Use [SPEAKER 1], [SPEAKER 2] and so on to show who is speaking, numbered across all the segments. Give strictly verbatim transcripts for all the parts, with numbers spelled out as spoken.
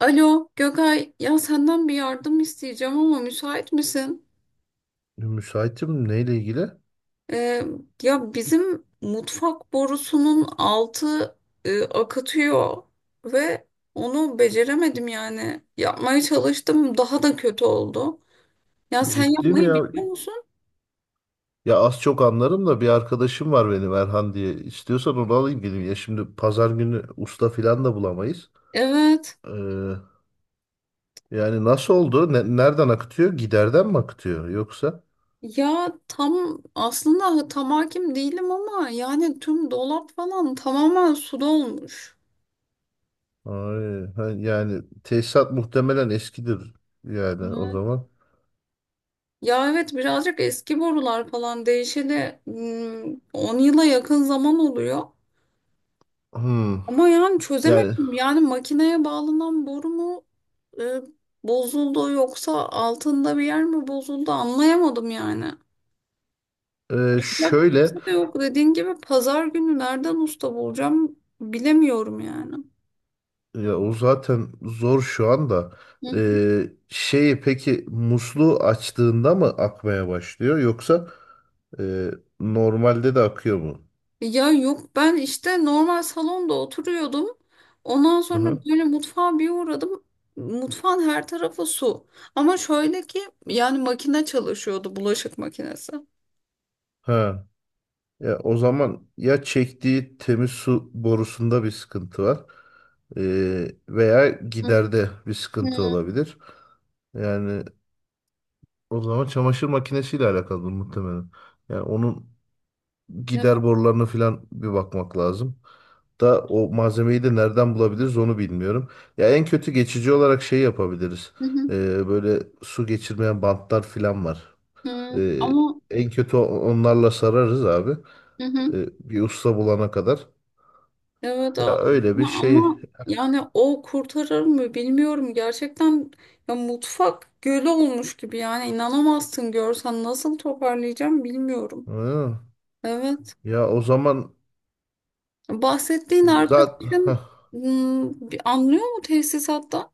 [SPEAKER 1] Alo Gökay, ya senden bir yardım isteyeceğim ama müsait misin?
[SPEAKER 2] Müsaitim neyle ilgili?
[SPEAKER 1] Ee, Ya bizim mutfak borusunun altı e, akıtıyor ve onu beceremedim yani. Yapmaya çalıştım, daha da kötü oldu. Ya sen
[SPEAKER 2] Ciddi mi
[SPEAKER 1] yapmayı
[SPEAKER 2] ya?
[SPEAKER 1] biliyor musun?
[SPEAKER 2] Ya az çok anlarım da bir arkadaşım var benim Erhan diye. İstiyorsan onu alayım geleyim. Ya şimdi pazar günü usta filan da bulamayız.
[SPEAKER 1] Evet.
[SPEAKER 2] Ee, yani nasıl oldu? Ne- nereden akıtıyor? Giderden mi akıtıyor yoksa?
[SPEAKER 1] Ya tam aslında tam hakim değilim ama yani tüm dolap falan tamamen su dolmuş.
[SPEAKER 2] Ay, ha, yani tesisat muhtemelen eskidir yani o zaman.
[SPEAKER 1] Ya evet birazcık eski borular falan değişeli hmm, on yıla yakın zaman oluyor.
[SPEAKER 2] Hmm.
[SPEAKER 1] Ama yani
[SPEAKER 2] Yani,
[SPEAKER 1] çözemedim. Yani makineye bağlanan boru mu e, bozuldu yoksa altında bir yer mi bozuldu anlayamadım yani.
[SPEAKER 2] e,
[SPEAKER 1] Ya
[SPEAKER 2] şöyle.
[SPEAKER 1] kimse de yok dediğin gibi pazar günü nereden usta bulacağım bilemiyorum yani.
[SPEAKER 2] Ya o zaten zor şu anda.
[SPEAKER 1] Hı.
[SPEAKER 2] Ee, şeyi peki musluğu açtığında mı akmaya başlıyor yoksa e, normalde de akıyor mu?
[SPEAKER 1] Ya yok ben işte normal salonda oturuyordum. Ondan
[SPEAKER 2] Hı
[SPEAKER 1] sonra
[SPEAKER 2] hı.
[SPEAKER 1] böyle mutfağa bir uğradım. Mutfağın her tarafı su. Ama şöyle ki yani makine çalışıyordu bulaşık makinesi.
[SPEAKER 2] Ha. Ya o zaman ya çektiği temiz su borusunda bir sıkıntı var, ee, veya
[SPEAKER 1] Hı
[SPEAKER 2] giderde bir sıkıntı
[SPEAKER 1] hı.
[SPEAKER 2] olabilir. Yani o zaman çamaşır makinesiyle alakalı muhtemelen. Yani onun
[SPEAKER 1] Evet,
[SPEAKER 2] gider borularına falan bir bakmak lazım. da o malzemeyi de nereden bulabiliriz onu bilmiyorum. Ya en kötü geçici olarak şey yapabiliriz.
[SPEAKER 1] hı hı,
[SPEAKER 2] Ee, böyle su geçirmeyen bantlar filan var.
[SPEAKER 1] hı.
[SPEAKER 2] Ee,
[SPEAKER 1] Ama
[SPEAKER 2] en kötü o- onlarla sararız abi.
[SPEAKER 1] hı hı.
[SPEAKER 2] Ee, bir usta bulana kadar.
[SPEAKER 1] Evet a-
[SPEAKER 2] Ya öyle bir
[SPEAKER 1] ama
[SPEAKER 2] şey.
[SPEAKER 1] ama yani o kurtarır mı bilmiyorum. Gerçekten ya mutfak gölü olmuş gibi yani inanamazsın görsen nasıl toparlayacağım bilmiyorum.
[SPEAKER 2] Hı.
[SPEAKER 1] Evet.
[SPEAKER 2] Ya o zaman
[SPEAKER 1] Bahsettiğin
[SPEAKER 2] zaten
[SPEAKER 1] arkadaşın hmm, bir anlıyor mu tesisatta?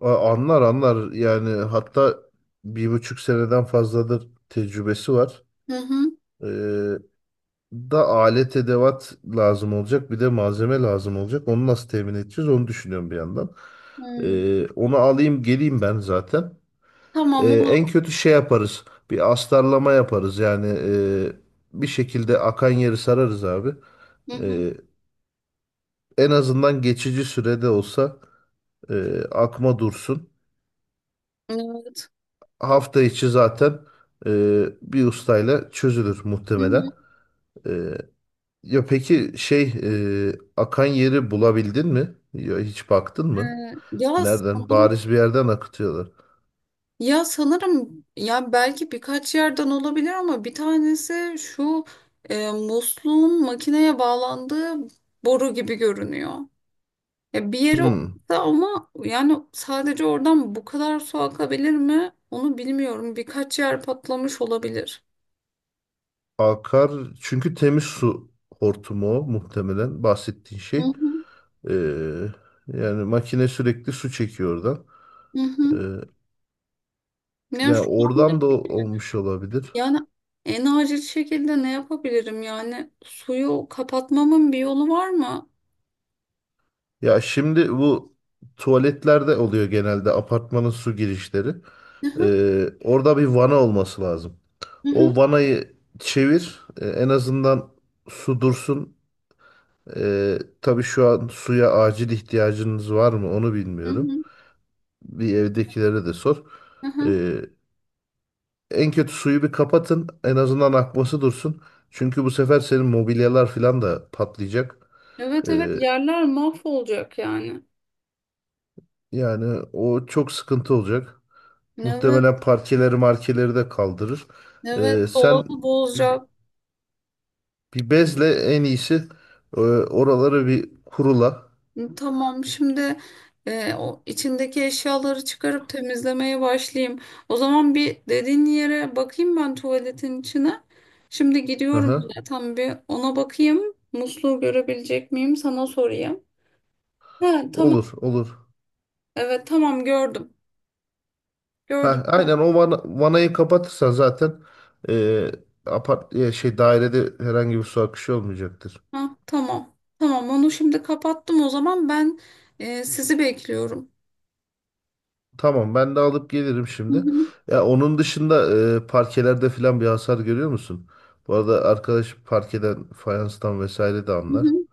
[SPEAKER 2] anlar anlar yani, hatta bir buçuk seneden fazladır tecrübesi var.
[SPEAKER 1] Hı hı.
[SPEAKER 2] Ee, da alet edevat lazım olacak. Bir de malzeme lazım olacak. Onu nasıl temin edeceğiz onu düşünüyorum bir yandan.
[SPEAKER 1] Hmm,
[SPEAKER 2] Ee, onu alayım geleyim ben zaten.
[SPEAKER 1] Tamam
[SPEAKER 2] Ee, en
[SPEAKER 1] olur.
[SPEAKER 2] kötü şey yaparız. Bir astarlama yaparız. Yani, e, bir şekilde akan yeri sararız abi.
[SPEAKER 1] Hı hı.
[SPEAKER 2] Ee, en azından geçici sürede olsa e, akma dursun.
[SPEAKER 1] Evet.
[SPEAKER 2] Hafta içi zaten e, bir ustayla çözülür
[SPEAKER 1] Hı hı.
[SPEAKER 2] muhtemelen. Ee, Ya peki şey e, akan yeri bulabildin mi? Ya hiç baktın
[SPEAKER 1] Ee,
[SPEAKER 2] mı?
[SPEAKER 1] ya
[SPEAKER 2] Nereden?
[SPEAKER 1] sanırım
[SPEAKER 2] Bariz bir yerden akıtıyorlar.
[SPEAKER 1] ya sanırım ya belki birkaç yerden olabilir ama bir tanesi şu e, musluğun makineye bağlandığı boru gibi görünüyor. Ya bir yere
[SPEAKER 2] Hmm.
[SPEAKER 1] oturttu ama yani sadece oradan bu kadar su akabilir mi? Onu bilmiyorum. Birkaç yer patlamış olabilir.
[SPEAKER 2] Akar çünkü temiz su hortumu o muhtemelen bahsettiğin
[SPEAKER 1] Hı
[SPEAKER 2] şey.
[SPEAKER 1] hı.
[SPEAKER 2] E, yani makine sürekli su çekiyor oradan.
[SPEAKER 1] Hı hı.
[SPEAKER 2] E,
[SPEAKER 1] Yani şu
[SPEAKER 2] ya
[SPEAKER 1] anda
[SPEAKER 2] oradan da
[SPEAKER 1] peki,
[SPEAKER 2] olmuş olabilir.
[SPEAKER 1] yani en acil şekilde ne yapabilirim? Yani suyu kapatmamın bir yolu var mı?
[SPEAKER 2] Ya şimdi bu tuvaletlerde oluyor genelde apartmanın su girişleri.
[SPEAKER 1] Hı hı,
[SPEAKER 2] E, orada bir vana olması lazım.
[SPEAKER 1] hı hı,
[SPEAKER 2] O vanayı çevir. E, en azından su dursun. E, tabii şu an suya acil ihtiyacınız var mı onu
[SPEAKER 1] hı
[SPEAKER 2] bilmiyorum.
[SPEAKER 1] hı,
[SPEAKER 2] Bir evdekilere de sor.
[SPEAKER 1] hı hı.
[SPEAKER 2] E, en kötü suyu bir kapatın. En azından akması dursun. Çünkü bu sefer senin mobilyalar falan da patlayacak.
[SPEAKER 1] Evet
[SPEAKER 2] E,
[SPEAKER 1] evet yerler mahvolacak yani.
[SPEAKER 2] yani o çok sıkıntı olacak.
[SPEAKER 1] Evet
[SPEAKER 2] Muhtemelen parkeleri markeleri de kaldırır.
[SPEAKER 1] evet
[SPEAKER 2] E, sen
[SPEAKER 1] dolabı
[SPEAKER 2] bir,
[SPEAKER 1] bozacak.
[SPEAKER 2] bir bezle en iyisi e, oraları bir kurula.
[SPEAKER 1] Tamam şimdi e, o içindeki eşyaları çıkarıp temizlemeye başlayayım. O zaman bir dediğin yere bakayım ben tuvaletin içine. Şimdi gidiyorum
[SPEAKER 2] Aha,
[SPEAKER 1] bile tam bir ona bakayım. Musluğu görebilecek miyim sana sorayım. Ha, tamam.
[SPEAKER 2] olur olur.
[SPEAKER 1] Evet tamam gördüm. Gördüm.
[SPEAKER 2] Ha, aynen o vana, vanayı kapatırsan zaten, e, apart e, şey dairede herhangi bir su akışı olmayacaktır.
[SPEAKER 1] Ha, tamam. Tamam onu şimdi kapattım o zaman ben e, sizi bekliyorum.
[SPEAKER 2] Tamam, ben de alıp gelirim
[SPEAKER 1] Hı
[SPEAKER 2] şimdi.
[SPEAKER 1] hı,
[SPEAKER 2] Ya onun dışında e, parkelerde falan bir hasar görüyor musun? Bu arada arkadaş parkeden, fayanstan vesaire de
[SPEAKER 1] hı
[SPEAKER 2] anlar.
[SPEAKER 1] hı.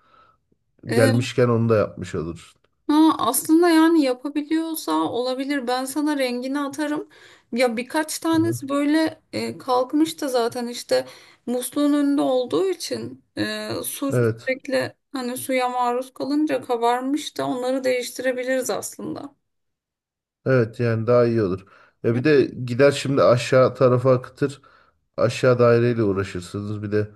[SPEAKER 1] E,
[SPEAKER 2] Gelmişken onu da yapmış olursun.
[SPEAKER 1] ha, aslında yani yapabiliyorsa olabilir. Ben sana rengini atarım. Ya birkaç
[SPEAKER 2] Aha.
[SPEAKER 1] tanesi böyle e, kalkmış da zaten işte musluğun önünde olduğu için e, su
[SPEAKER 2] Evet.
[SPEAKER 1] sürekli hani suya maruz kalınca kabarmış da onları değiştirebiliriz aslında.
[SPEAKER 2] Evet yani daha iyi olur. Ya bir
[SPEAKER 1] Hı?
[SPEAKER 2] de gider şimdi aşağı tarafa akıtır. Aşağı daireyle uğraşırsınız. Bir de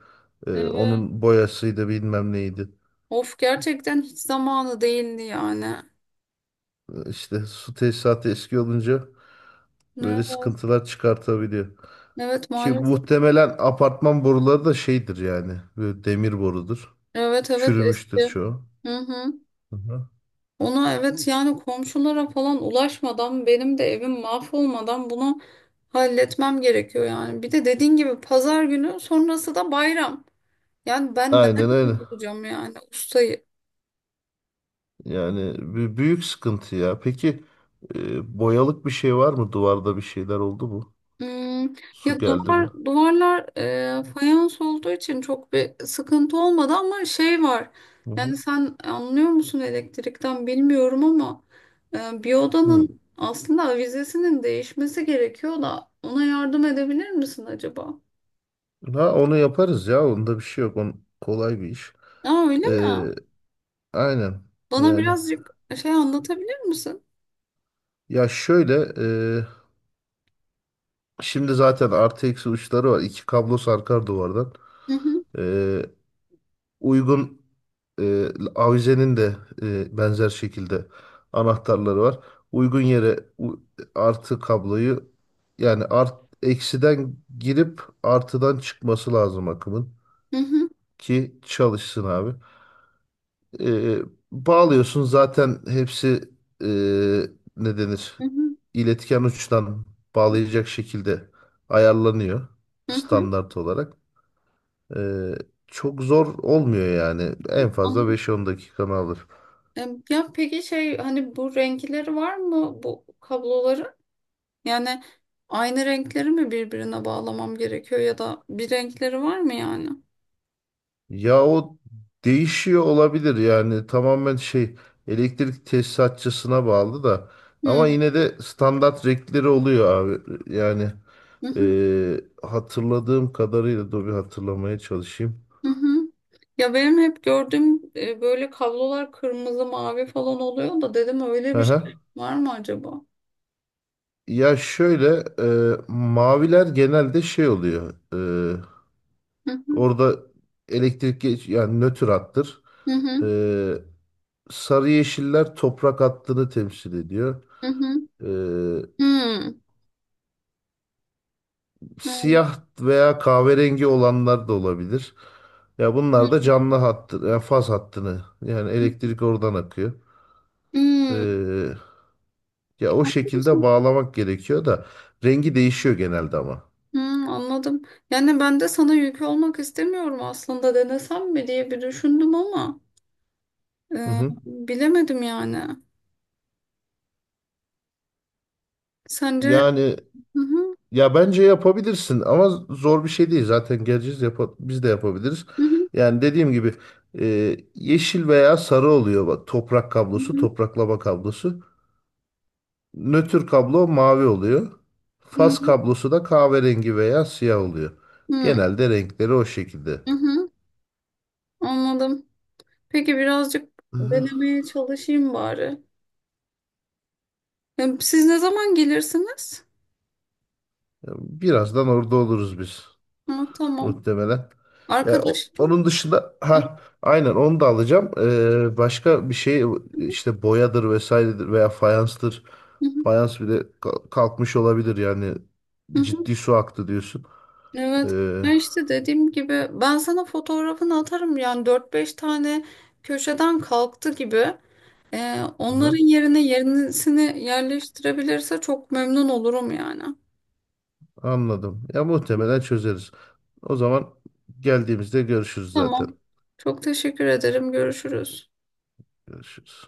[SPEAKER 2] e,
[SPEAKER 1] Evet.
[SPEAKER 2] onun boyasıydı bilmem neydi.
[SPEAKER 1] Of gerçekten hiç zamanı değildi yani.
[SPEAKER 2] E, İşte su tesisatı eski olunca böyle
[SPEAKER 1] Evet,
[SPEAKER 2] sıkıntılar çıkartabiliyor.
[SPEAKER 1] evet
[SPEAKER 2] Ki
[SPEAKER 1] maalesef.
[SPEAKER 2] muhtemelen apartman boruları da şeydir yani. Böyle demir borudur.
[SPEAKER 1] Evet evet
[SPEAKER 2] Çürümüştür
[SPEAKER 1] eski.
[SPEAKER 2] çoğu.
[SPEAKER 1] Hı hı.
[SPEAKER 2] Hı hı.
[SPEAKER 1] Ona evet yani komşulara falan ulaşmadan benim de evim mahvolmadan bunu halletmem gerekiyor yani. Bir de dediğin gibi pazar günü sonrası da bayram. Yani ben
[SPEAKER 2] Aynen
[SPEAKER 1] nereden
[SPEAKER 2] öyle.
[SPEAKER 1] bulacağım yani ustayı?
[SPEAKER 2] Yani bü- büyük sıkıntı ya. Peki e, boyalık bir şey var mı? Duvarda bir şeyler oldu mu?
[SPEAKER 1] Hmm, Ya
[SPEAKER 2] Su geldi mi?
[SPEAKER 1] duvar duvarlar e, fayans olduğu için çok bir sıkıntı olmadı ama şey var.
[SPEAKER 2] Hı hı.
[SPEAKER 1] Yani sen anlıyor musun elektrikten bilmiyorum ama e, bir
[SPEAKER 2] Hı.
[SPEAKER 1] odanın aslında avizesinin değişmesi gerekiyor da ona yardım edebilir misin acaba?
[SPEAKER 2] Ha, onu yaparız ya. Onda bir şey yok. On, kolay bir iş.
[SPEAKER 1] Aa öyle mi?
[SPEAKER 2] Ee, aynen.
[SPEAKER 1] Bana
[SPEAKER 2] Yani,
[SPEAKER 1] birazcık şey anlatabilir misin?
[SPEAKER 2] ya şöyle, e, şimdi zaten artı eksi uçları var. İki kablo sarkar duvardan.
[SPEAKER 1] Hı hı
[SPEAKER 2] Ee, uygun e, avizenin de e, benzer şekilde anahtarları var. Uygun yere u- artı kabloyu, yani art eksiden girip artıdan çıkması lazım akımın
[SPEAKER 1] hı hı
[SPEAKER 2] ki çalışsın abi. E, bağlıyorsun zaten hepsi e, ne denir?
[SPEAKER 1] hı hı.
[SPEAKER 2] İletken uçtan bağlayacak şekilde ayarlanıyor
[SPEAKER 1] Hı hı.
[SPEAKER 2] standart olarak. E, çok zor olmuyor yani. En fazla
[SPEAKER 1] Anladım.
[SPEAKER 2] beş on dakikanı alır.
[SPEAKER 1] E, Ya peki şey hani bu renkleri var mı bu kabloların? Yani aynı renkleri mi birbirine bağlamam gerekiyor ya da bir renkleri var mı yani?
[SPEAKER 2] Ya o değişiyor olabilir yani, tamamen şey elektrik tesisatçısına bağlı da
[SPEAKER 1] Hı
[SPEAKER 2] ama yine de standart renkleri oluyor abi. Yani
[SPEAKER 1] hı hı.
[SPEAKER 2] e, hatırladığım kadarıyla dur bir hatırlamaya çalışayım.
[SPEAKER 1] Hı. Ya benim hep gördüğüm e, böyle kablolar kırmızı mavi falan oluyor da dedim öyle bir şey
[SPEAKER 2] Aha.
[SPEAKER 1] var mı acaba?
[SPEAKER 2] Ya şöyle, e, maviler genelde şey oluyor. E,
[SPEAKER 1] Hı hı
[SPEAKER 2] orada elektrik geç, yani nötr hattır.
[SPEAKER 1] hı hı
[SPEAKER 2] E, sarı yeşiller toprak hattını temsil ediyor.
[SPEAKER 1] hı. Hı.
[SPEAKER 2] E,
[SPEAKER 1] Hı. Anladım.
[SPEAKER 2] siyah veya kahverengi olanlar da olabilir. Ya
[SPEAKER 1] Hı.
[SPEAKER 2] bunlar da canlı hattı, yani faz hattını, yani elektrik oradan akıyor.
[SPEAKER 1] Hmm,
[SPEAKER 2] E, ya o
[SPEAKER 1] Anladın
[SPEAKER 2] şekilde
[SPEAKER 1] mı?
[SPEAKER 2] bağlamak gerekiyor da rengi değişiyor genelde ama.
[SPEAKER 1] Hmm, anladım. Yani ben de sana yük olmak istemiyorum aslında denesem mi diye bir düşündüm ama
[SPEAKER 2] Hı
[SPEAKER 1] e,
[SPEAKER 2] hı.
[SPEAKER 1] bilemedim yani. Sence?
[SPEAKER 2] Yani.
[SPEAKER 1] Hı hı,
[SPEAKER 2] Ya bence yapabilirsin ama zor bir şey değil. Zaten geleceğiz, yapa- biz de yapabiliriz.
[SPEAKER 1] hı hı.
[SPEAKER 2] Yani dediğim gibi e, yeşil veya sarı oluyor. Bak, toprak kablosu,
[SPEAKER 1] Hı
[SPEAKER 2] topraklama kablosu. Nötr kablo mavi oluyor. Faz
[SPEAKER 1] hı,
[SPEAKER 2] kablosu da kahverengi veya siyah oluyor.
[SPEAKER 1] hı
[SPEAKER 2] Genelde renkleri o şekilde.
[SPEAKER 1] hı, anladım. Peki birazcık
[SPEAKER 2] Hı hı.
[SPEAKER 1] denemeye çalışayım bari. Ya, siz ne zaman gelirsiniz?
[SPEAKER 2] Birazdan orada oluruz biz
[SPEAKER 1] Ha, tamam.
[SPEAKER 2] muhtemelen. Ya o-
[SPEAKER 1] Arkadaş.
[SPEAKER 2] onun dışında,
[SPEAKER 1] Hı
[SPEAKER 2] ha aynen onu da alacağım. Ee, başka bir şey işte boyadır vesairedir veya fayanstır.
[SPEAKER 1] hı,
[SPEAKER 2] Fayans bile ka- kalkmış olabilir yani,
[SPEAKER 1] hı hı.
[SPEAKER 2] ciddi su aktı diyorsun.
[SPEAKER 1] Evet.
[SPEAKER 2] Ee,
[SPEAKER 1] Ya işte dediğim gibi ben sana fotoğrafını atarım. Yani dört beş tane köşeden kalktı gibi. Ee,
[SPEAKER 2] aha,
[SPEAKER 1] onların yerine yenisini yerleştirebilirse çok memnun olurum yani.
[SPEAKER 2] anladım. Ya muhtemelen çözeriz. O zaman geldiğimizde görüşürüz zaten.
[SPEAKER 1] Tamam. Çok teşekkür ederim. Görüşürüz.
[SPEAKER 2] Görüşürüz.